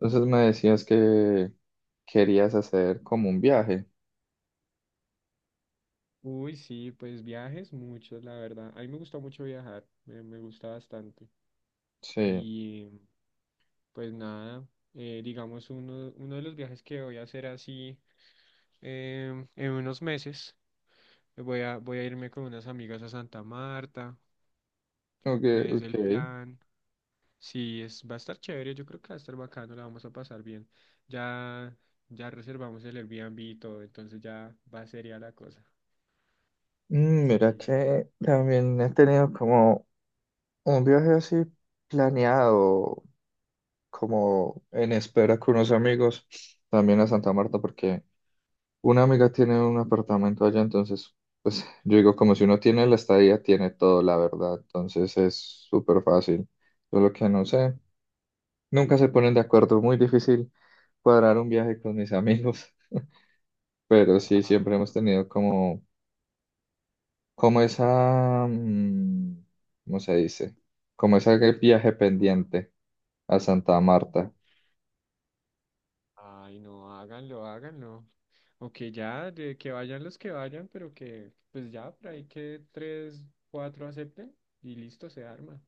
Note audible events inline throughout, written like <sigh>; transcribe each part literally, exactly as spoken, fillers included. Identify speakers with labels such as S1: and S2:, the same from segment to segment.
S1: Entonces me decías que querías hacer como un viaje.
S2: Uy, sí, pues viajes muchos, la verdad. A mí me gusta mucho viajar, me, me gusta bastante.
S1: Sí,
S2: Y pues nada, eh, digamos, uno, uno de los viajes que voy a hacer así em, en unos meses, voy a, voy a irme con unas amigas a Santa Marta,
S1: ok,
S2: es
S1: ok.
S2: el plan. Sí, es, va a estar chévere, yo creo que va a estar bacano, la vamos a pasar bien. Ya, ya reservamos el Airbnb y todo, entonces ya va seria la cosa.
S1: Mm, Mira
S2: Sí.
S1: que también he tenido como un viaje así planeado, como en espera con unos amigos, también a Santa Marta, porque una amiga tiene un apartamento allá. Entonces, pues yo digo, como si uno tiene la estadía, tiene todo, la verdad. Entonces es súper fácil. Solo que no sé, nunca se ponen de acuerdo, muy difícil cuadrar un viaje con mis amigos. Pero sí,
S2: Ay,
S1: siempre hemos
S2: no,
S1: tenido como, como esa, mm, ¿cómo se dice? Como ese viaje pendiente a Santa Marta.
S2: ay, no, háganlo, háganlo. O que ya, de que vayan los que vayan, pero que pues ya por ahí que tres, cuatro acepten y listo, se arma.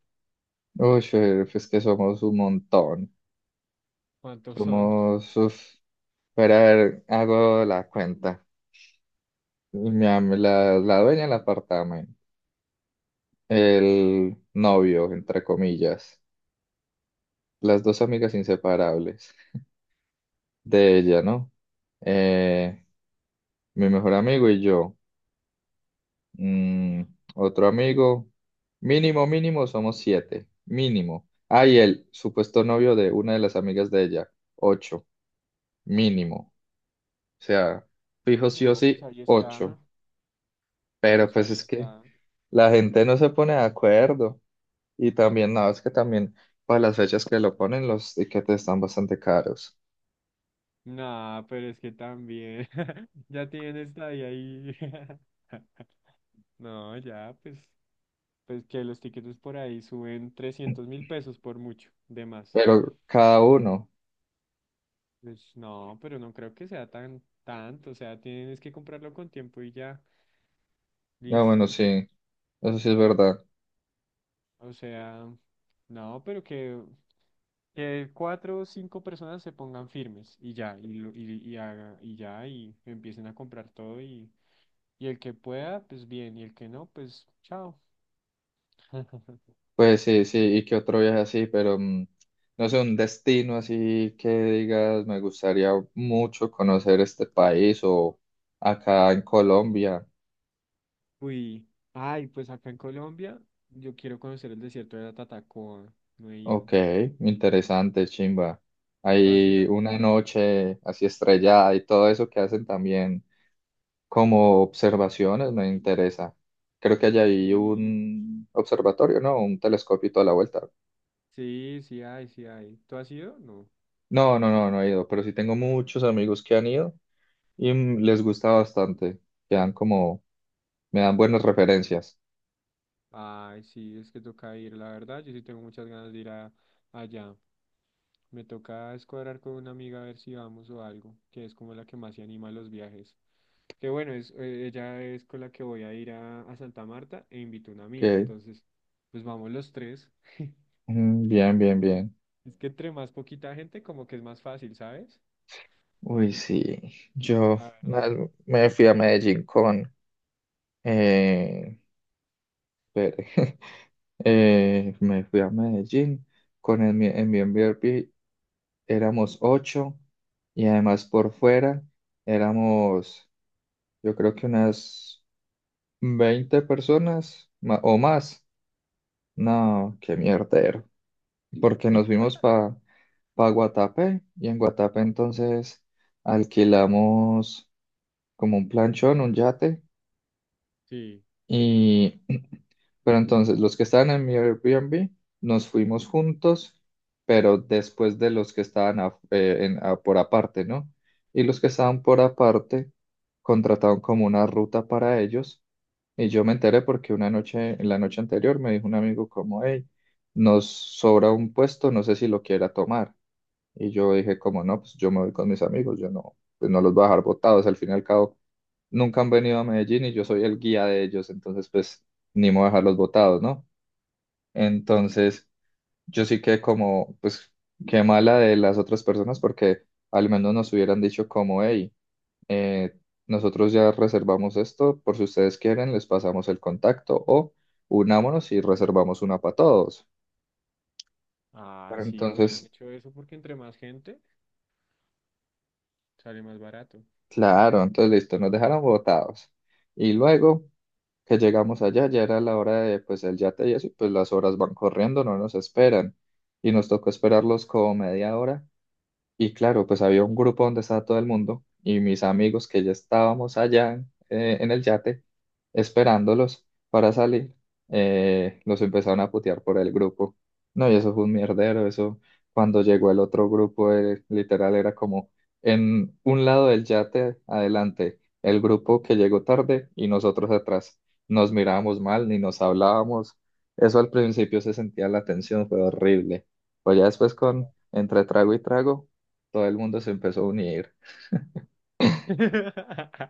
S1: Uy, eh, es que somos un montón.
S2: ¿Cuántos son?
S1: Somos, uf, pero a ver, hago la cuenta. Mi am- la, la dueña del apartamento, el novio, entre comillas, las dos amigas inseparables de ella, ¿no? Eh, Mi mejor amigo y yo. Mm, Otro amigo. Mínimo, mínimo, somos siete. Mínimo. Ah, y el supuesto novio de una de las amigas de ella. Ocho. Mínimo. O sea,
S2: Ah,
S1: fijo sí o
S2: no, pues
S1: sí,
S2: ahí
S1: ocho.
S2: está,
S1: Pero
S2: pues
S1: pues
S2: ahí
S1: es que
S2: está.
S1: la gente no se pone de acuerdo. Y también, no, es que también para las fechas que lo ponen, los tiquetes están bastante caros.
S2: Nah, pero es que también, <laughs> ya tienen esta ahí, ahí. <laughs> No, ya, pues, pues que los tiquetes por ahí suben trescientos mil pesos por mucho, de más.
S1: Pero cada uno.
S2: Pues no, pero no creo que sea tan tanto, o sea, tienes que comprarlo con tiempo y ya,
S1: No, bueno,
S2: listo.
S1: sí. Eso sí es verdad.
S2: O sea, no, pero que, que cuatro o cinco personas se pongan firmes y ya, y, lo- y, y, haga- y ya, y empiecen a comprar todo y, y el que pueda, pues bien, y el que no, pues chao. <laughs>
S1: Pues sí, sí, y que otro viaje así, pero mm, no sé, un destino así que digas, me gustaría mucho conocer este país o acá en Colombia.
S2: Uy, ay, pues acá en Colombia yo quiero conocer el desierto de la Tatacoa, no he ido.
S1: Ok, interesante, chimba.
S2: ¿Tú has
S1: Hay
S2: ido?
S1: una noche así estrellada y todo eso que hacen también como observaciones, me interesa. Creo que allá hay
S2: Sí.
S1: un observatorio, ¿no? Un telescopio y toda la vuelta.
S2: Sí, sí hay, sí hay. ¿Tú has ido? No.
S1: No, no, no, no he ido, pero sí tengo muchos amigos que han ido y mm, les gusta bastante. Quedan como, me dan buenas referencias.
S2: Ay, sí, es que toca ir, la verdad, yo sí tengo muchas ganas de ir a, allá. Me toca escuadrar con una amiga a ver si vamos o algo, que es como la que más se anima a los viajes. Que bueno, es, eh, ella es con la que voy a ir a, a Santa Marta e invito a una amiga.
S1: Ok.
S2: Entonces, pues vamos los tres.
S1: Mm, Bien, bien, bien.
S2: Es que entre más poquita gente, como que es más fácil, ¿sabes?
S1: Uy, sí. Yo
S2: La verdad.
S1: na- me fui a Medellín con... Eh, espere. <laughs> Eh, me fui a Medellín con el, mi- en mi Airbnb. Éramos ocho y además por fuera éramos, yo creo que unas veinte personas ma- o más. No, qué mierdero. Porque nos fuimos para para Guatapé y en Guatapé entonces alquilamos como un planchón, un yate
S2: Sí.
S1: y <clears throat> pero entonces los que estaban en mi Airbnb nos fuimos juntos, pero después de los que estaban af- eh, en- a- por aparte, ¿no? Y los que estaban por aparte contrataron como una ruta para ellos y yo me enteré porque una noche, en la noche anterior me dijo un amigo como, hey, nos sobra un puesto, no sé si lo quiera tomar. Y yo dije, como no, pues yo me voy con mis amigos, yo no, pues no los voy a dejar botados. Al fin y al cabo, nunca han venido a Medellín y yo soy el guía de ellos, entonces pues ni me voy a dejarlos botados, ¿no? Entonces yo sí que como, pues qué mala de las otras personas porque al menos nos hubieran dicho como, hey, eh, nosotros ya reservamos esto, por si ustedes quieren, les pasamos el contacto o unámonos y reservamos una para todos.
S2: Ah, sí, hubieran
S1: Entonces,
S2: hecho eso porque entre más gente sale más barato.
S1: claro, entonces listo, nos dejaron botados. Y luego... que llegamos allá, ya era la hora de pues el yate y eso, y pues las horas van corriendo, no nos esperan. Y nos tocó esperarlos como media hora y claro, pues había un grupo donde estaba todo el mundo y mis amigos que ya estábamos allá en, eh, en el yate esperándolos para salir, eh, los empezaron a putear por el grupo. No, y eso fue un mierdero, eso cuando llegó el otro grupo, eh, literal era como en un lado del yate adelante, el grupo que llegó tarde y nosotros atrás. Nos mirábamos mal, ni nos hablábamos. Eso al principio se sentía la tensión, fue horrible. Pues ya después con entre trago y trago todo el mundo se empezó a unir.
S2: <laughs>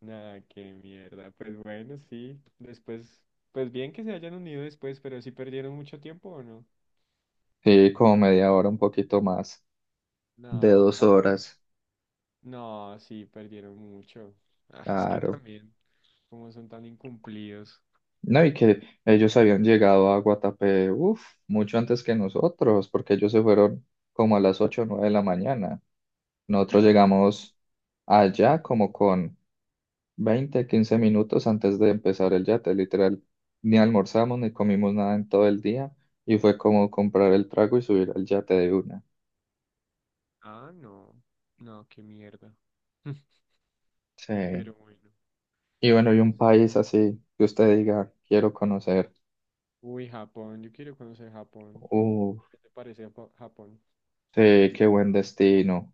S2: Nada, qué mierda. Pues bueno, sí. Después, pues bien que se hayan unido después, pero si perdieron mucho tiempo o no.
S1: Sí, como media hora, un poquito más de
S2: No,
S1: dos
S2: paila.
S1: horas,
S2: No, sí, perdieron mucho. Ah, es que
S1: claro.
S2: también, como son tan incumplidos.
S1: No, y que ellos habían llegado a Guatapé, uff, mucho antes que nosotros, porque ellos se fueron como a las ocho o nueve de la mañana. Nosotros
S2: Ah, no.
S1: llegamos allá como con veinte quince minutos antes de empezar el yate, literal. Ni almorzamos ni comimos nada en todo el día y fue como comprar el trago y subir al yate de una.
S2: Ah, no. No, qué mierda. <laughs>
S1: Sí.
S2: Pero bueno.
S1: Y bueno, y
S2: Pues,
S1: un país así que usted diga, quiero conocer.
S2: uy, Japón, yo quiero conocer Japón.
S1: Uf,
S2: ¿Qué te parece Japo- Japón?
S1: sí, qué buen destino.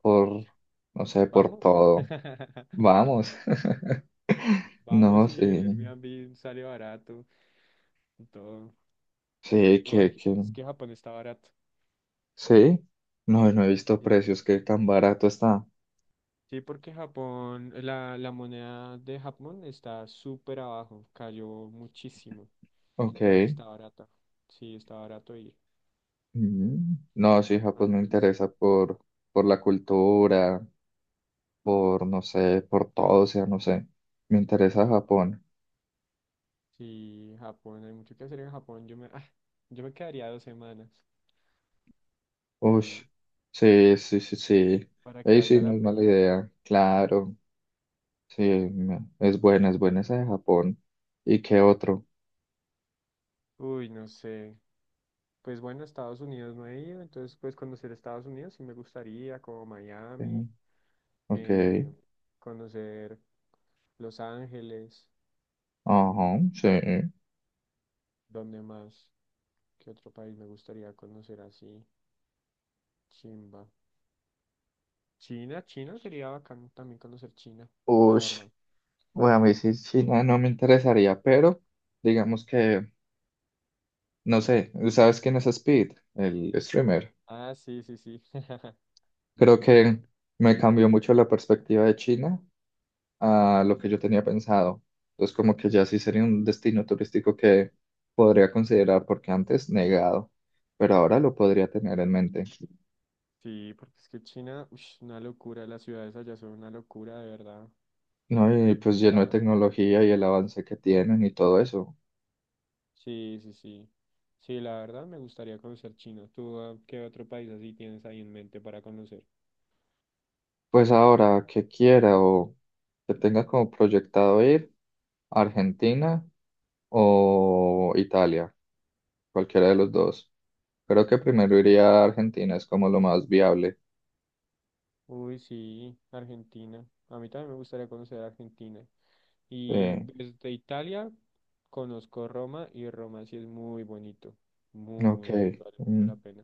S1: Por, no sé, por
S2: ¿Vamos?
S1: todo.
S2: <laughs>
S1: Vamos. <laughs> No,
S2: Vamos y
S1: sí.
S2: el Airbnb sale barato y todo.
S1: Sí,
S2: No, es
S1: que,
S2: que
S1: que,
S2: es que Japón está barato.
S1: sí. No, no he visto
S2: Sí,
S1: precios, que tan barato está.
S2: sí, porque Japón, la, la moneda de Japón está súper abajo, cayó muchísimo. Entonces
S1: Ok.
S2: está barato. Sí, está barato ir.
S1: Mm. No, sí, Japón me
S2: Antes,
S1: interesa por, por, la cultura, por, no sé, por todo, o sea, no sé. Me interesa Japón.
S2: sí, Japón, hay mucho que hacer en Japón. Yo me, ah, yo me quedaría dos semanas.
S1: Uy,
S2: Sí,
S1: sí, sí, sí, sí.
S2: para que
S1: Ahí sí
S2: valga
S1: no
S2: la
S1: es mala
S2: pena.
S1: idea. Claro, sí, me- es buena, es buena esa de Japón. ¿Y qué otro?
S2: Uy, no sé. Pues bueno, Estados Unidos no he ido, entonces pues conocer Estados Unidos sí me gustaría, como
S1: Eh,
S2: Miami,
S1: Ok,
S2: eh, conocer Los Ángeles, mm,
S1: ajá, sí.
S2: ¿dónde más? ¿Qué otro país me gustaría conocer así? Chimba. China, China sería bacán también conocer China, la
S1: Uy,
S2: verdad.
S1: bueno, a mí sí, China no no me interesaría, pero digamos que, no sé, ¿sabes quién es Speed? El streamer.
S2: Ah, sí, sí, sí. <laughs>
S1: Creo que me cambió mucho la perspectiva de China a lo que yo tenía pensado. Entonces, como que ya sí sería un destino turístico que podría considerar, porque antes negado, pero ahora lo podría tener en mente.
S2: Sí, porque es que China, ush, una locura, las ciudades allá son una locura, de verdad.
S1: No, y pues lleno de
S2: Ah,
S1: tecnología y el avance que tienen y todo eso.
S2: sí, sí, sí. Sí, la verdad me gustaría conocer China. ¿Tú ah, qué otro país así tienes ahí en mente para conocer?
S1: Pues ahora que quiera o que tenga como proyectado ir a Argentina o Italia, cualquiera de los dos. Creo que primero iría a Argentina, es como lo más viable.
S2: Uy, sí, Argentina. A mí también me gustaría conocer Argentina. Y
S1: Sí,
S2: desde Italia conozco Roma y Roma sí es muy bonito. Muy,
S1: ok.
S2: muy bonito, vale mucho
S1: Mm.
S2: la pena.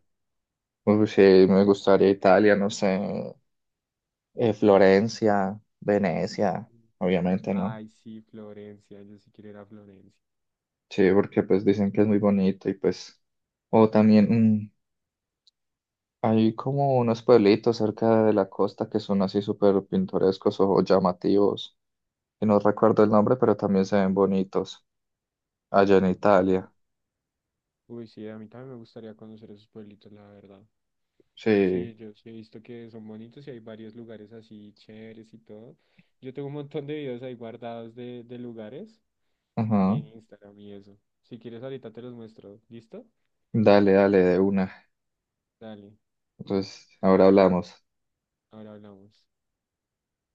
S1: Uy, pues, sí, me gustaría Italia, no sé, eh, Florencia, Venecia, obviamente, ¿no?
S2: Ay, sí, Florencia, yo sí quiero ir a Florencia.
S1: Sí, porque pues dicen que es muy bonito y pues, o también mm, hay como unos pueblitos cerca de la costa que son así súper pintorescos o llamativos, y no recuerdo el nombre, pero también se ven bonitos allá en
S2: Sí.
S1: Italia.
S2: Uy, sí, a mí también me gustaría conocer esos pueblitos, la verdad.
S1: Sí,
S2: Sí, yo sí he visto que son bonitos y hay varios lugares así chéveres y todo. Yo tengo un montón de videos ahí guardados de, de lugares
S1: ajá,
S2: en Instagram y eso. Si quieres, ahorita te los muestro. ¿Listo?
S1: Dale, dale, de una.
S2: Dale,
S1: Entonces, ahora hablamos.
S2: ahora hablamos.